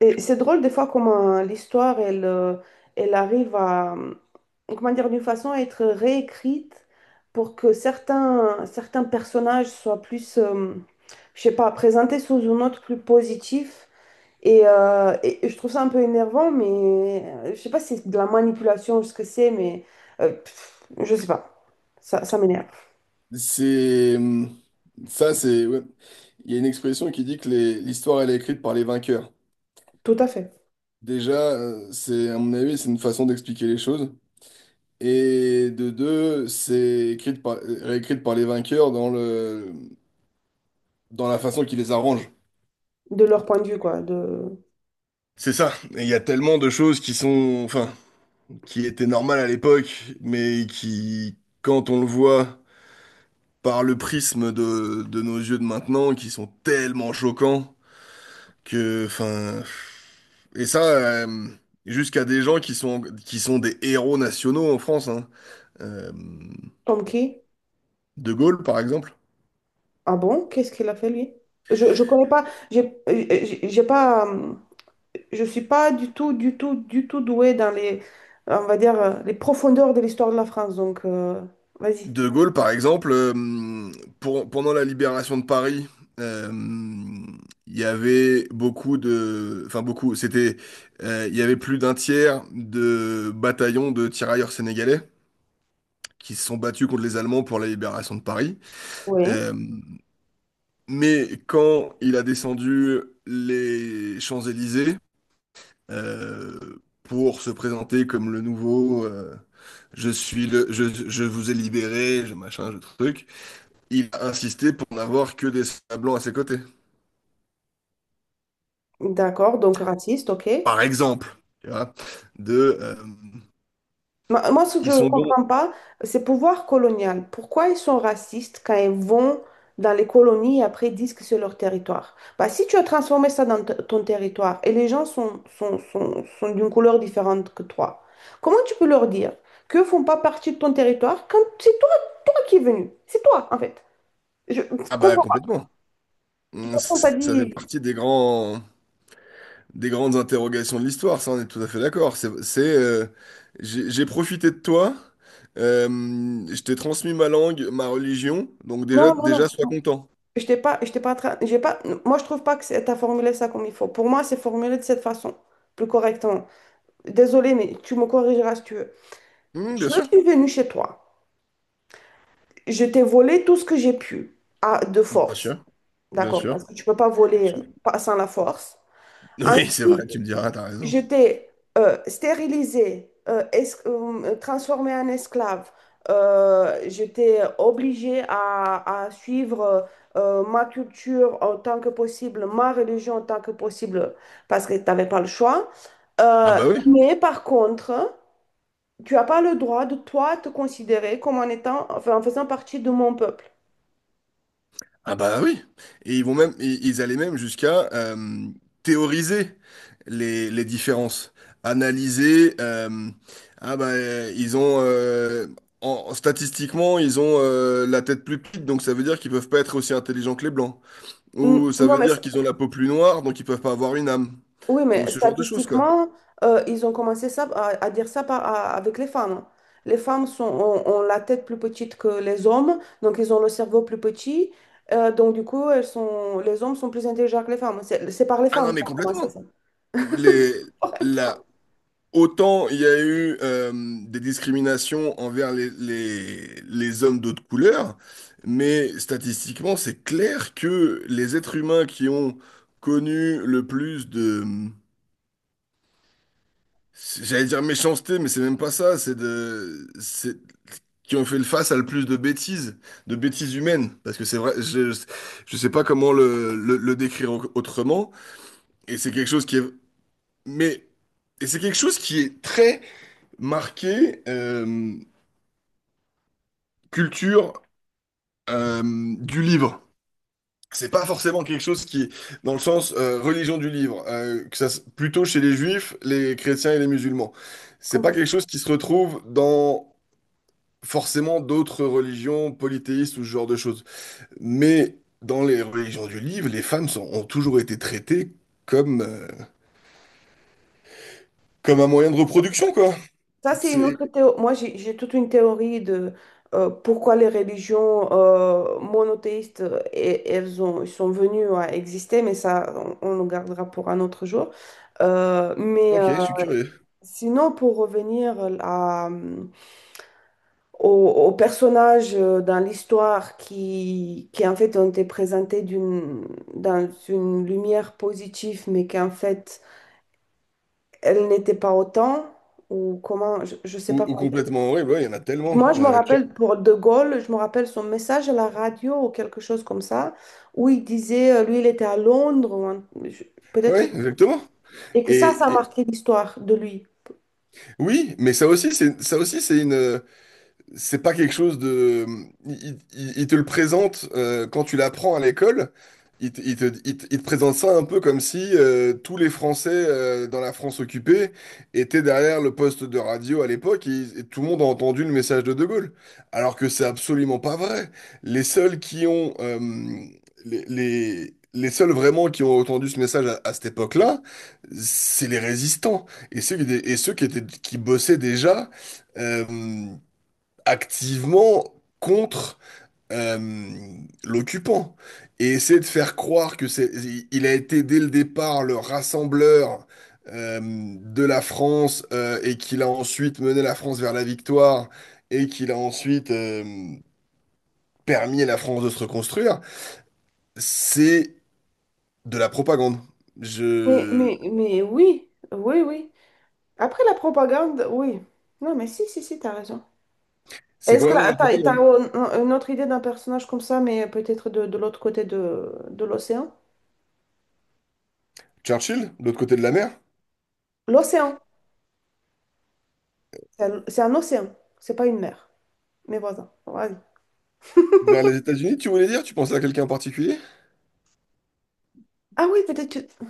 Et c'est drôle des fois comment l'histoire, elle, elle arrive à, comment dire, d'une façon à être réécrite pour que certains personnages soient plus, je sais pas, présentés sous une autre plus positif. Et je trouve ça un peu énervant, mais je sais pas si c'est de la manipulation, ce que c'est, mais je sais pas. Ça m'énerve. C'est ça, c'est ouais. Il y a une expression qui dit que l'histoire elle est écrite par les vainqueurs. Tout à fait. Déjà, c'est à mon avis, c'est une façon d'expliquer les choses. Et de deux, c'est écrite par réécrite par les vainqueurs dans la façon qui les arrange. De leur point de vue, quoi. De... C'est ça. Et il y a tellement de choses qui sont, enfin, qui étaient normales à l'époque, mais qui, quand on le voit par le prisme de nos yeux de maintenant, qui sont tellement choquants que, enfin, et ça, jusqu'à des gens qui sont des héros nationaux en France, hein. Euh, Comme qui? De Gaulle, par exemple. Ah bon? Qu'est-ce qu'il a fait lui? Je connais pas, j'ai euh, j'ai pas, je suis pas du tout, du tout, du tout douée dans les, on va dire, les profondeurs de l'histoire de la France. Donc, vas-y. De Gaulle, par exemple, pendant la libération de Paris, euh, il y avait beaucoup de, enfin beaucoup, c'était, il y avait plus d'un tiers de bataillons de tirailleurs sénégalais qui se sont battus contre les Allemands pour la libération de Paris. Oui. Euh, Mais quand il a descendu les Champs-Élysées, pour se présenter comme le nouveau, je suis le je, je vous ai libéré, je machin, je truc, il a insisté pour n'avoir que des soldats blancs à ses côtés. D'accord, donc raciste, ok. Par exemple, tu vois, de Moi, ce que je ils ne sont bons. comprends pas, c'est pouvoir colonial. Pourquoi ils sont racistes quand ils vont dans les colonies et après disent que c'est leur territoire? Bah, si tu as transformé ça dans ton territoire et les gens sont, sont d'une couleur différente que toi, comment tu peux leur dire qu'ils ne font pas partie de ton territoire quand c'est toi qui es venu? C'est toi, en fait. Je Ah bah comprends pas. complètement. Personne t'a Ça fait dit partie des grandes interrogations de l'histoire, ça on est tout à fait d'accord. C'est, j'ai profité de toi, euh, je t'ai transmis ma langue, ma religion, donc déjà, non, non, déjà sois non. content. Je t'ai pas, tra- j'ai pas, moi, je trouve pas que t'as formulé ça comme il faut. Pour moi, c'est formulé de cette façon, plus correctement. Désolée, mais tu me corrigeras si tu veux. Hmm, Je bien sûr, suis venue chez toi. Je t'ai volé tout ce que j'ai pu, à, de bien force. sûr, bien D'accord? Parce sûr. que tu ne peux pas voler Sou- sans la force. Oui, c'est Ensuite, vrai, tu me diras, t'as raison. je t'ai stérilisé, transformé en esclave. Je t'ai obligé à suivre ma culture en tant que possible, ma religion en tant que possible, parce que tu n'avais pas le choix. Ah Euh, bah oui, mais par contre, tu n'as pas le droit de toi te considérer comme en étant, enfin, en faisant partie de mon peuple. ah bah oui, et ils vont même, ils allaient même jusqu'à, théoriser les différences, analyser. Ah bah, ils ont, statistiquement ils ont, la tête plus petite, donc ça veut dire qu'ils peuvent pas être aussi intelligents que les blancs. Ou N- ça Non, veut mais, dire qu'ils ont la peau plus noire, donc ils peuvent pas avoir une âme. oui, Ou mais ce genre de choses quoi. statistiquement, ils ont commencé ça, à dire ça avec les femmes. Les femmes sont, ont la tête plus petite que les hommes, donc ils ont le cerveau plus petit. Donc, du coup, elles sont, les hommes sont plus intelligents que les femmes. C'est par les Ah femmes non que mais ça a commencé, complètement. ça. Les Par les la Autant il y a eu, des discriminations envers les, les hommes d'autres couleurs, mais statistiquement, c'est clair que les êtres humains qui ont connu le plus de, j'allais dire méchanceté, mais c'est même pas ça, qui ont fait le face à le plus de bêtises humaines, parce que c'est vrai, je sais pas comment le décrire autrement, et c'est quelque chose qui est, mais, et c'est quelque chose qui est très marqué. Culture, euh, du livre. C'est pas forcément quelque chose qui, est dans le sens, religion du livre, que ça, plutôt chez les juifs, les chrétiens et les musulmans. C'est pas femmes. quelque chose qui se retrouve dans forcément d'autres religions polythéistes ou ce genre de choses. Mais dans les religions du livre, les femmes ont toujours été traitées comme, comme un moyen de reproduction, quoi. Ça, c'est une C'est. autre théorie. Moi, j'ai toute une théorie de pourquoi les religions monothéistes, elles ont, elles sont venues à exister, mais ça, on le gardera pour un autre jour. Euh, mais Ok, euh, je suis curieux. sinon, pour revenir à, au personnage dans l'histoire qui, en fait, ont été présentés d'une, dans une lumière positive, mais qu'en fait, elle n'était pas autant, ou comment, je ne sais pas. Ou complètement horrible, ouais, il y en a tellement. Moi, je me rappelle pour De Gaulle, je me rappelle son message à la radio ou quelque chose comme ça, où il disait, lui, il était à Londres, ou je- peut-être, Ouais, exactement. et que Et, ça a et- marqué l'histoire de lui. Oui, mais ça aussi, c'est une, c'est pas quelque chose de. Il te le présente, quand tu l'apprends à l'école. Il te présente ça un peu comme si, tous les Français, dans la France occupée étaient derrière le poste de radio à l'époque, et tout le monde a entendu le message de De Gaulle. Alors que c'est absolument pas vrai. Les seuls qui ont. euh, les seuls vraiment qui ont entendu ce message à cette époque-là, c'est les résistants. Et ceux qui étaient, qui bossaient déjà, Euh, activement contre, euh, l'occupant et essayer de faire croire que, c'est il a été dès le départ le rassembleur, de la France, et qu'il a ensuite mené la France vers la victoire et qu'il a ensuite, permis à la France de se reconstruire, c'est de la propagande. Mais, Je. mais, mais oui, oui, oui. Après la propagande, oui. Non, mais si, si, si, t'as raison. C'est Est-ce que complètement de là, la t'as propagande. Une autre idée d'un personnage comme ça, mais peut-être de l'autre côté de l'océan? Churchill, de l'autre côté de la mer, L'océan, c'est un océan, c'est pas une mer. Mais voilà, vas-y. vers les États-Unis, tu voulais dire? Tu pensais à quelqu'un en particulier? Ah oui, peut-être,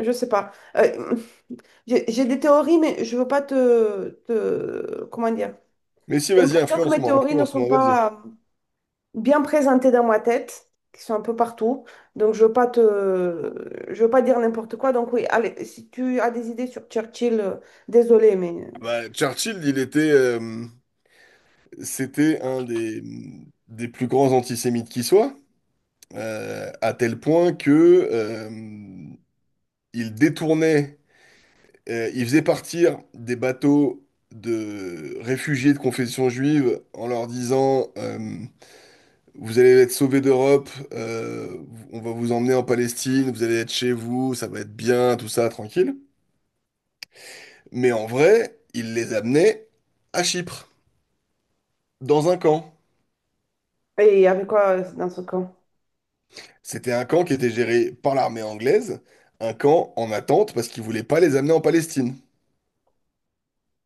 je sais pas. J'ai des théories, mais je veux pas comment dire? Mais si, J'ai vas-y, l'impression que mes influence-moi, théories ne sont influence-moi, vas-y. pas bien présentées dans ma tête, qui sont un peu partout. Donc, je veux pas te... Je veux pas dire n'importe quoi. Donc, oui, allez, si tu as des idées sur Churchill, désolé, mais... Bah, Churchill, il était, c'était un des plus grands antisémites qui soit, à tel point que, euh, il détournait, il faisait partir des bateaux de réfugiés de confession juive en leur disant, vous allez être sauvés d'Europe, on va vous emmener en Palestine, vous allez être chez vous, ça va être bien, tout ça, tranquille. Mais en vrai, il les amenait à Chypre, dans un camp. Et il y avait quoi dans ce camp? C'était un camp qui était géré par l'armée anglaise, un camp en attente parce qu'ils voulaient pas les amener en Palestine.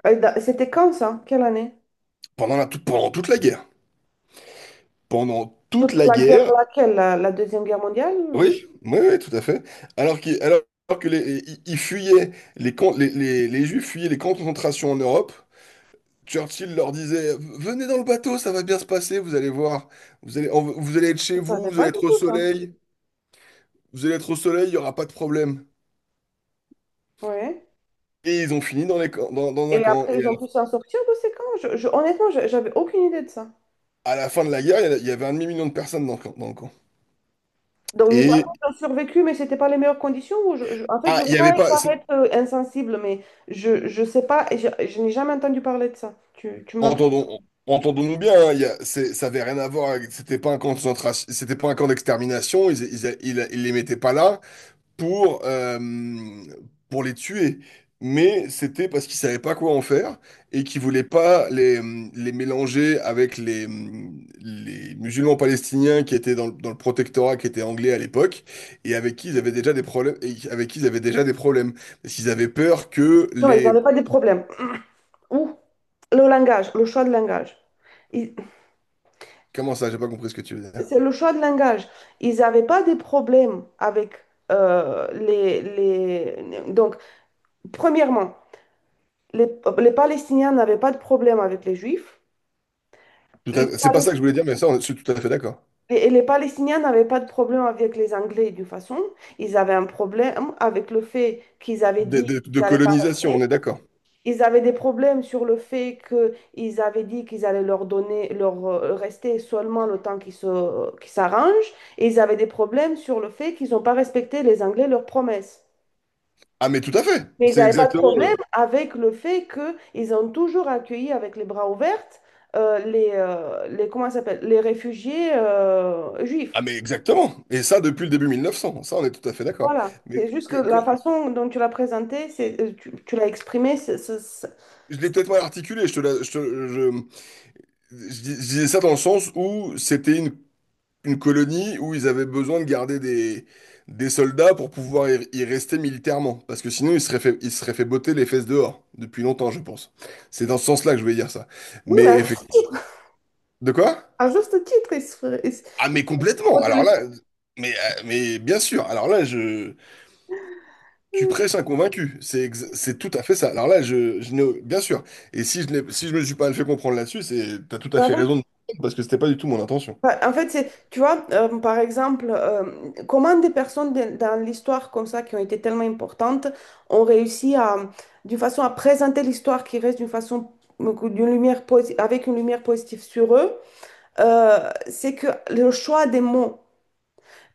C'était quand, ça? Quelle année? Pendant toute la guerre. Pendant toute Toute la la guerre, guerre. laquelle? La Deuxième Guerre mondiale? Oui, oui, oui, tout à fait. Alors qu'ils, alors que les, ils ils fuyaient, les, camps- Les Juifs fuyaient les camps de concentration en Europe. Churchill leur disait, venez dans le bateau, ça va bien se passer, vous allez voir. Vous allez être chez Je ne vous, savais vous allez pas du être au tout, ça. soleil. Vous allez être au soleil, il n'y aura pas de problème. Ouais. Et ils ont fini dans un Et camp. après, Et. ils ont pu s'en sortir de ces camps? Honnêtement, j'avais aucune idée de ça. À la fin de la guerre, il y avait un demi-million de personnes dans le camp. Dans le camp. Donc, une fois Et, j'ai survécu, mais c'était pas les meilleures conditions. Ou en fait, je ne il veux n'y pas avait pas, paraître insensible, mais je sais pas, et je n'ai jamais entendu parler de ça. Tu me l'apprends. entendons, entendons-nous bien, hein, ça avait rien à voir, c'était pas un camp de concentration, c'était pas un camp d'extermination, ils les mettaient pas là, pour, euh, pour les tuer. Mais c'était parce qu'ils savaient pas quoi en faire et qu'ils voulaient pas les mélanger avec les musulmans palestiniens qui étaient, dans le protectorat, qui étaient anglais à l'époque, et avec qui ils avaient déjà des problèmes, et avec qui ils avaient déjà des problèmes. Parce qu'ils avaient peur que Non, ils les. n'avaient pas des problèmes. Ou le langage, le choix de langage. Ils- Comment ça? J'ai pas compris ce que tu veux dire. C'est le choix de langage. Ils n'avaient pas des problèmes avec les... Donc, premièrement, les, les Palestiniens n'avaient pas de problème avec les Juifs. Les C'est pas ça que je voulais dire, mais ça, je suis tout à fait d'accord. Et les Palestiniens n'avaient pas de problème avec les Anglais d'une façon. Ils avaient un problème avec le fait qu'ils avaient De, dit de qu'ils de n'allaient pas colonisation, on rester. est d'accord. Ils avaient des problèmes sur le fait qu'ils avaient dit qu'ils allaient leur donner, leur rester seulement le temps qu'ils qu'ils s'arrangent. Et ils avaient des problèmes sur le fait qu'ils n'ont pas respecté les Anglais leurs promesses. Ah mais tout à fait, Mais ils c'est n'avaient pas de exactement. problème avec le fait qu'ils ont toujours accueilli avec les bras ouverts les, comment ça s'appelle, les réfugiés juifs. Ah mais exactement. Et ça depuis le début 1900. Ça on est tout à fait d'accord. Voilà, Mais c'est juste que que- la quand- façon dont tu l'as présenté, tu, tu l'as exprimé, je l'ai peut-être mal articulé. Je te la- je, te- je dis- Je disais ça dans le sens où c'était une colonie où ils avaient besoin de garder des soldats pour pouvoir y rester militairement. Parce que sinon ils se seraient fait botter les fesses dehors depuis longtemps, je pense. C'est dans ce sens-là que je vais dire ça. oui, mais Mais effectivement. De quoi? à juste titre, il se- Ah mais faut complètement. te Alors le- là, mais bien sûr. Alors là, je. Tu prêches un convaincu, c'est tout à fait ça. Alors là, je n'ai- bien sûr, et si je me suis pas fait comprendre là-dessus, c'est t'as tout à en fait fait, raison de parce que c'était pas du tout mon intention. en fait, c'est, tu vois, par exemple, comment des personnes dans l'histoire comme ça, qui ont été tellement importantes, ont réussi à, d'une façon à présenter l'histoire qui reste d'une façon, d'une avec une lumière positive sur eux, c'est que le choix des mots.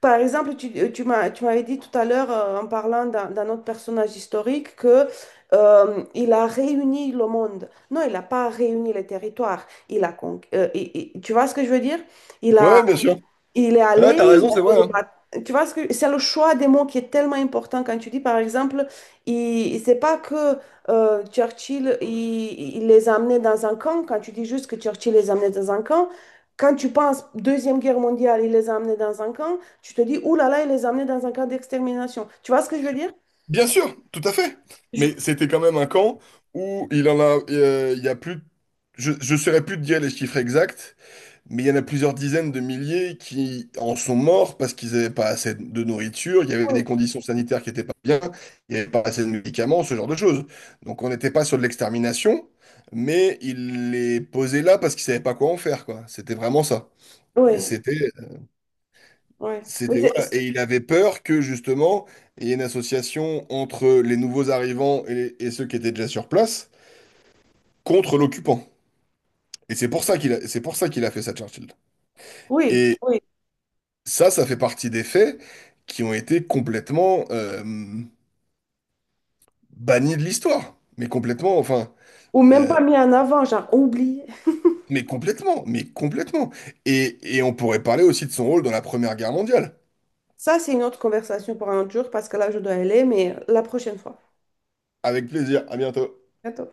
Par exemple, tu m'as, tu m'avais dit tout à l'heure, en parlant d'un autre personnage historique, que, il a réuni le monde. Non, il n'a pas réuni les territoires. Il a con- et- tu vois ce que je veux dire? Il Ouais, a ouais, bien sûr. il est allé, Ouais, t'as raison, il a c'est fait vrai, des hein. batailles. Tu vois, c'est le choix des mots qui est tellement important quand tu dis, par exemple, il, c'est pas que Churchill, il les a amenés dans un camp. Quand tu dis juste que Churchill les a amenés dans un camp, quand tu penses Deuxième Guerre mondiale, il les a amenés dans un camp, tu te dis, ouh là là, il les a amenés dans un camp d'extermination. Tu vois ce que je veux dire? Bien sûr, tout à fait. Mais Je- c'était quand même un camp où il y a plus, je saurais plus te dire les chiffres exacts. Mais il y en a plusieurs dizaines de milliers qui en sont morts parce qu'ils n'avaient pas assez de nourriture, il y avait Oui, des conditions sanitaires qui n'étaient pas bien, il n'y avait pas assez de médicaments, ce genre de choses. Donc on n'était pas sur de l'extermination, mais il les posait là parce qu'ils ne savaient pas quoi en faire, quoi. C'était vraiment ça. oui. C'était, Oui, mais c'était, voilà. Et il avait peur que justement, il y ait une association entre les nouveaux arrivants et ceux qui étaient déjà sur place contre l'occupant. Et c'est pour ça qu'il a fait ça, Churchill. oui. Et Oui. ça fait partie des faits qui ont été complètement, bannis de l'histoire. Mais complètement, enfin. Ou même euh, pas mis en avant, genre oublié. mais complètement, mais complètement. Et on pourrait parler aussi de son rôle dans la Première Guerre mondiale. Ça, c'est une autre conversation pour un autre jour parce que là, je dois aller, mais la prochaine fois. Avec plaisir, à bientôt. À bientôt.